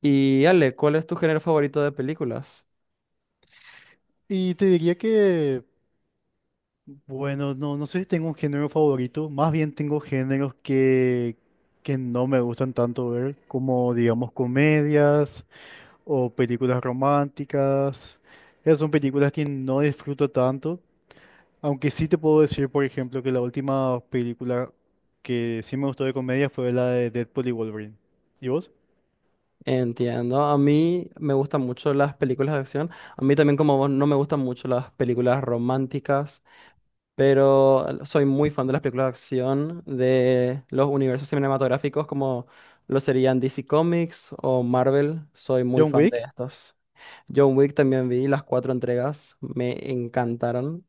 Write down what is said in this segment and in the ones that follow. Y Ale, ¿cuál es tu género favorito de películas? Y te diría que, bueno, no sé si tengo un género favorito, más bien tengo géneros que no me gustan tanto ver, como digamos comedias o películas románticas. Esas son películas que no disfruto tanto, aunque sí te puedo decir, por ejemplo, que la última película que sí me gustó de comedia fue la de Deadpool y Wolverine. ¿Y vos? Entiendo, a mí me gustan mucho las películas de acción. A mí también como vos no me gustan mucho las películas románticas, pero soy muy fan de las películas de acción, de los universos cinematográficos como lo serían DC Comics o Marvel. Soy muy John fan de Wick. estos. John Wick también vi las cuatro entregas, me encantaron.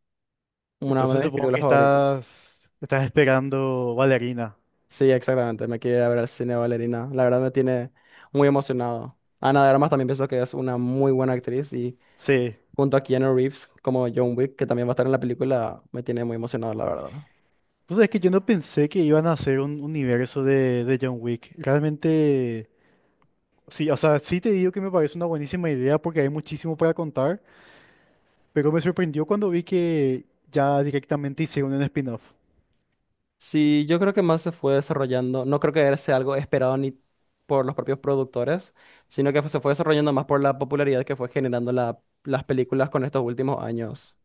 Una de Entonces mis supongo películas que favoritas. estás esperando Valerina. Sí, exactamente. Me quiero ir a ver al cine Ballerina. La verdad me tiene muy emocionado. Ana de Armas también pienso que es una muy buena actriz y Sí. junto a Keanu Reeves como John Wick, que también va a estar en la película, me tiene muy emocionado, la verdad. Pues es que yo no pensé que iban a hacer un universo de John Wick. Realmente, sí, o sea, sí te digo que me parece una buenísima idea porque hay muchísimo para contar, pero me sorprendió cuando vi que ya directamente hicieron un spin-off. Sí, yo creo que más se fue desarrollando. No creo que sea algo esperado ni por los propios productores, sino que se fue desarrollando más por la popularidad que fue generando las películas con estos últimos años,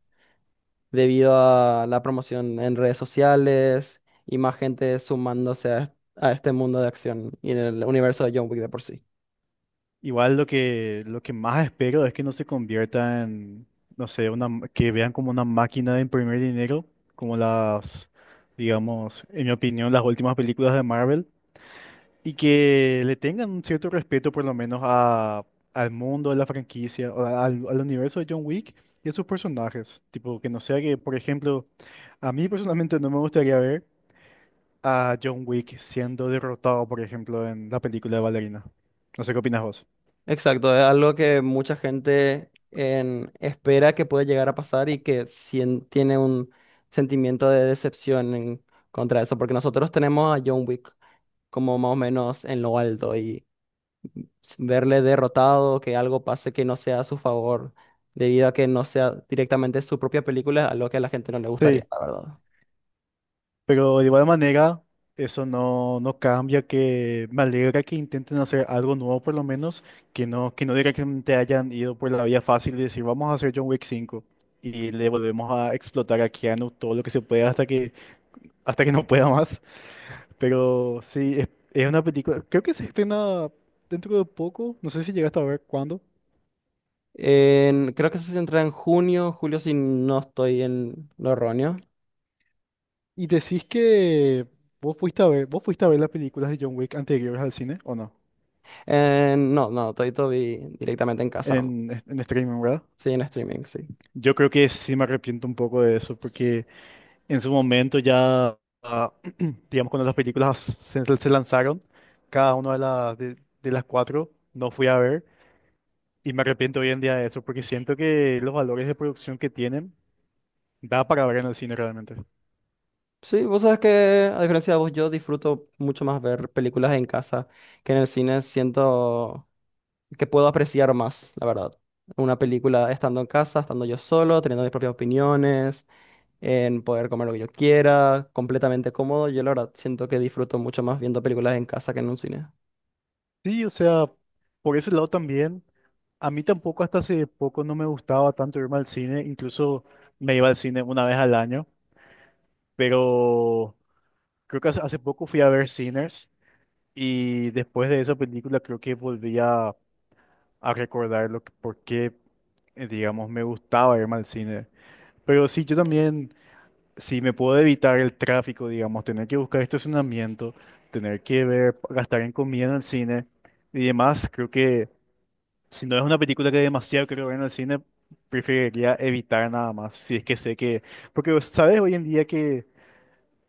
debido a la promoción en redes sociales y más gente sumándose a este mundo de acción y en el universo de John Wick de por sí. Igual lo que más espero es que no se convierta en, no sé, que vean como una máquina de imprimir dinero, como las, digamos, en mi opinión, las últimas películas de Marvel. Y que le tengan un cierto respeto por lo menos al mundo, de la franquicia, o al universo de John Wick y a sus personajes. Tipo, que no sea que, por ejemplo, a mí personalmente no me gustaría ver a John Wick siendo derrotado, por ejemplo, en la película de Ballerina. No sé qué opinas vos. Exacto, es algo que mucha gente espera que puede llegar a pasar y que tiene un sentimiento de decepción contra eso, porque nosotros tenemos a John Wick como más o menos en lo alto y verle derrotado, que algo pase que no sea a su favor, debido a que no sea directamente su propia película, es algo que a la gente no le gustaría, Sí. la verdad. Pero de igual manera, eso no cambia que me alegra que intenten hacer algo nuevo por lo menos, que no directamente hayan ido por la vía fácil y decir vamos a hacer John Wick 5 y le volvemos a explotar a Keanu todo lo que se pueda hasta que no pueda más. Pero sí, es una película, creo que se estrena dentro de poco, no sé si llegaste a ver cuándo. Creo que se centra en junio, julio, si no estoy en lo erróneo. Y decís que vos fuiste a ver las películas de John Wick anteriores al cine, ¿o no? No, no, estoy todo vi directamente en casa nomás. En streaming, ¿verdad? Sí, en streaming, sí. Yo creo que sí me arrepiento un poco de eso, porque en su momento ya, ah, digamos, cuando las películas se lanzaron, cada una de las cuatro no fui a ver, y me arrepiento hoy en día de eso, porque siento que los valores de producción que tienen da para ver en el cine realmente. Sí, vos sabes que, a diferencia de vos, yo disfruto mucho más ver películas en casa que en el cine. Siento que puedo apreciar más, la verdad. Una película estando en casa, estando yo solo, teniendo mis propias opiniones, en poder comer lo que yo quiera, completamente cómodo. Yo, la verdad, siento que disfruto mucho más viendo películas en casa que en un cine. Sí, o sea, por ese lado también, a mí tampoco hasta hace poco no me gustaba tanto irme al cine, incluso me iba al cine una vez al año, pero creo que hace poco fui a ver Sinners. Y después de esa película creo que volví a recordar lo que, por qué, digamos, me gustaba irme al cine. Pero sí, yo también, si me puedo evitar el tráfico, digamos, tener que buscar estacionamiento, tener que ver, gastar en comida en el cine y demás, creo que si no es una película que demasiado quiero ver en el cine, preferiría evitar nada más, si es que sé que. Porque, ¿sabes? Hoy en día que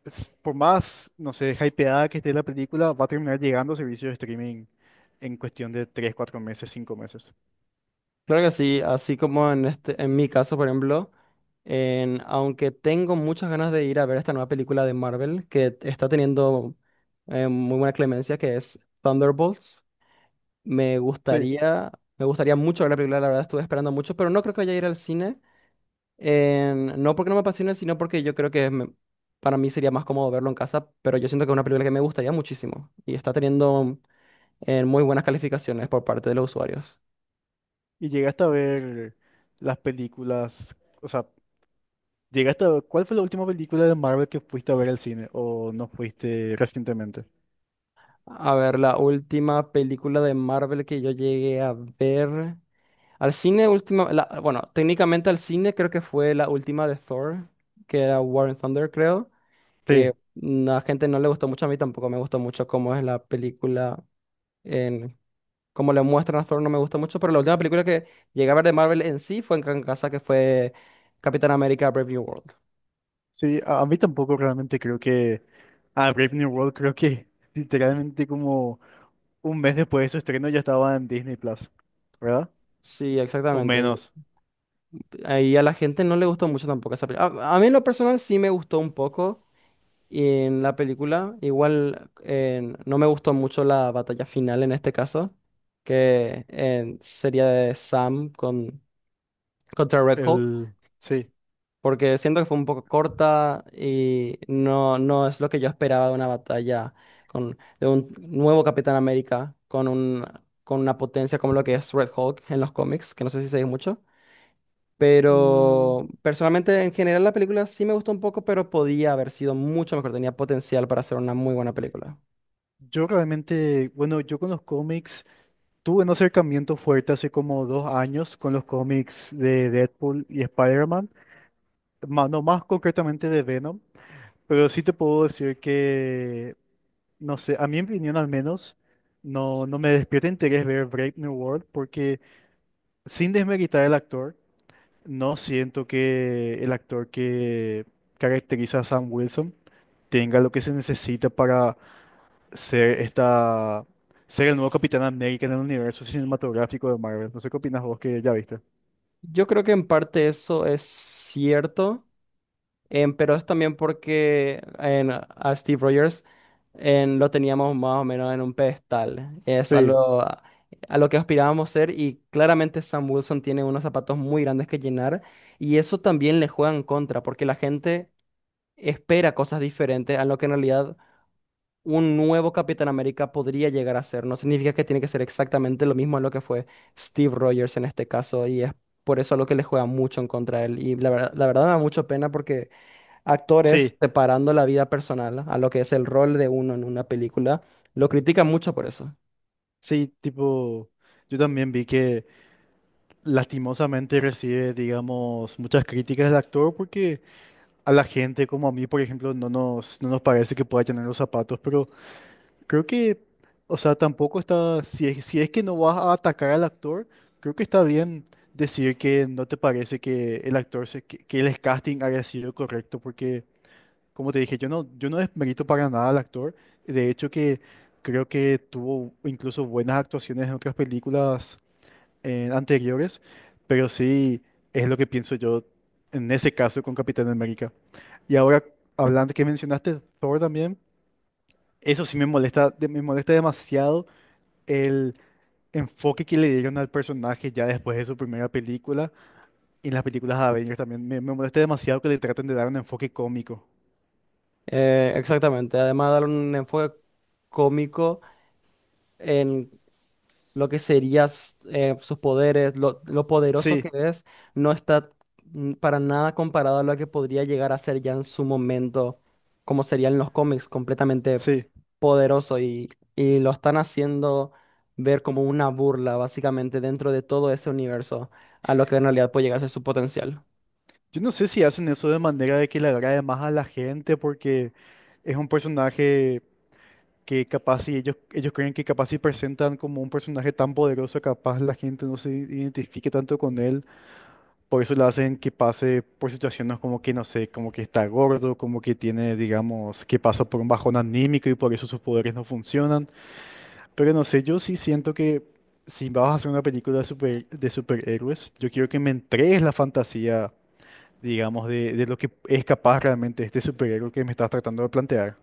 por más, no sé, hypeada que esté la película, va a terminar llegando a servicios de streaming en cuestión de 3 4 meses, 5 meses. Claro que sí, así como en este, en mi caso, por ejemplo, en, aunque tengo muchas ganas de ir a ver esta nueva película de Marvel que está teniendo muy buena clemencia, que es Thunderbolts, me Sí. gustaría, me gustaría mucho ver la película, la verdad estuve esperando mucho, pero no creo que vaya a ir al cine, no porque no me apasione, sino porque yo creo que para mí sería más cómodo verlo en casa, pero yo siento que es una película que me gustaría muchísimo y está teniendo muy buenas calificaciones por parte de los usuarios. Y llegaste a ver las películas, o sea, llegaste a ver, ¿cuál fue la última película de Marvel que fuiste a ver al cine o no fuiste recientemente? A ver, la última película de Marvel que yo llegué a ver. Al cine, última, bueno, técnicamente al cine creo que fue la última de Thor, que era War and Thunder, creo, que Sí, mm, a la gente no le gustó mucho, a mí tampoco me gustó mucho cómo es la película, en, cómo le muestran a Thor no me gusta mucho, pero la última película que llegué a ver de Marvel en sí fue en casa, que fue Capitán América Brave New World. sí, a mí tampoco realmente creo que, a Brave New World creo que literalmente como un mes después de su estreno ya estaba en Disney Plus, ¿verdad? Sí, O exactamente. menos, Y a la gente no le gustó mucho tampoco esa película. A mí en lo personal sí me gustó un poco en la película. Igual no me gustó mucho la batalla final en este caso, que sería de Sam con, contra Red Hulk, el, sí. porque siento que fue un poco corta y no, no es lo que yo esperaba de una batalla con, de un nuevo Capitán América con, un, con una potencia como lo que es Red Hulk en los cómics, que no sé si se dice mucho. Mm, Pero personalmente en general la película sí me gustó un poco, pero podía haber sido mucho mejor, tenía potencial para ser una muy buena película. Yo realmente, bueno, yo con los cómics tuve un acercamiento fuerte hace como 2 años con los cómics de Deadpool y Spider-Man, no más concretamente de Venom, pero sí te puedo decir que, no sé, a mi opinión al menos, no me despierta interés ver Brave New World porque sin desmeritar el actor, no siento que el actor que caracteriza a Sam Wilson tenga lo que se necesita para ser esta, ser el nuevo Capitán América en el universo cinematográfico de Marvel. No sé qué opinas vos que ya viste. Yo creo que en parte eso es cierto, pero es también porque en, a Steve Rogers en, lo teníamos más o menos en un pedestal. Es Sí, a lo que aspirábamos ser y claramente Sam Wilson tiene unos zapatos muy grandes que llenar y eso también le juega en contra porque la gente espera cosas diferentes a lo que en realidad un nuevo Capitán América podría llegar a ser. No significa que tiene que ser exactamente lo mismo en lo que fue Steve Rogers en este caso, y es por eso lo que le juega mucho en contra de él. Y la verdad me da mucha pena porque actores sí, separando la vida personal a lo que es el rol de uno en una película, lo critican mucho por eso. sí, tipo, yo también vi que lastimosamente recibe, digamos, muchas críticas del actor porque a la gente como a mí, por ejemplo, no nos parece que pueda llenar los zapatos, pero creo que, o sea, tampoco está, si es que no vas a atacar al actor, creo que está bien decir que no te parece que el actor, que el casting haya sido correcto porque. Como te dije, yo no desmerito para nada al actor. De hecho, que creo que tuvo incluso buenas actuaciones en otras películas anteriores, pero sí es lo que pienso yo en ese caso con Capitán América. Y ahora, hablando que mencionaste Thor también, eso sí me molesta demasiado el enfoque que le dieron al personaje ya después de su primera película y en las películas de Avengers también. Me molesta demasiado que le traten de dar un enfoque cómico. Exactamente. Además, dar un enfoque cómico en lo que sería sus poderes, lo poderoso que Sí, es, no está para nada comparado a lo que podría llegar a ser ya en su momento, como sería en los cómics, completamente sí. poderoso y lo están haciendo ver como una burla, básicamente, dentro de todo ese universo, a lo que en realidad puede llegar a ser su potencial. Yo no sé si hacen eso de manera de que le agrade más a la gente, porque es un personaje que capaz si ellos creen que capaz si presentan como un personaje tan poderoso, capaz la gente no se identifique tanto con él. Por eso le hacen que pase por situaciones como que, no sé, como que está gordo, como que tiene, digamos, que pasa por un bajón anímico y por eso sus poderes no funcionan. Pero no sé, yo sí siento que si vas a hacer una película de superhéroes, yo quiero que me entregues la fantasía digamos, de lo que es capaz realmente este superhéroe que me estás tratando de plantear.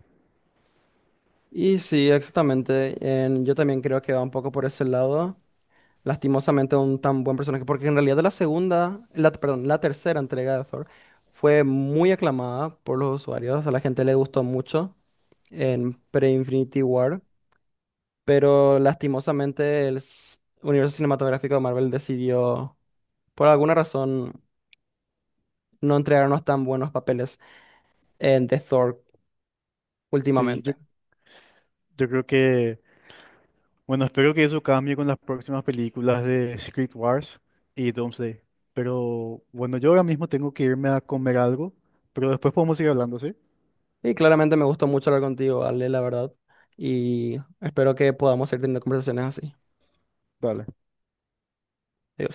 Y sí, exactamente, yo también creo que va un poco por ese lado. Lastimosamente un tan buen personaje, porque en realidad la segunda, la, perdón, la tercera entrega de Thor fue muy aclamada por los usuarios, a la gente le gustó mucho en pre-Infinity War, pero lastimosamente el universo cinematográfico de Marvel decidió, por alguna razón, no entregarnos tan buenos papeles en The Thor Sí, yo, últimamente. yo creo que, bueno, espero que eso cambie con las próximas películas de Secret Wars y Doomsday. Pero bueno, yo ahora mismo tengo que irme a comer algo, pero después podemos seguir hablando, ¿sí? Y claramente me gustó mucho hablar contigo, Ale, la verdad, y espero que podamos ir teniendo conversaciones así. Dale. Adiós.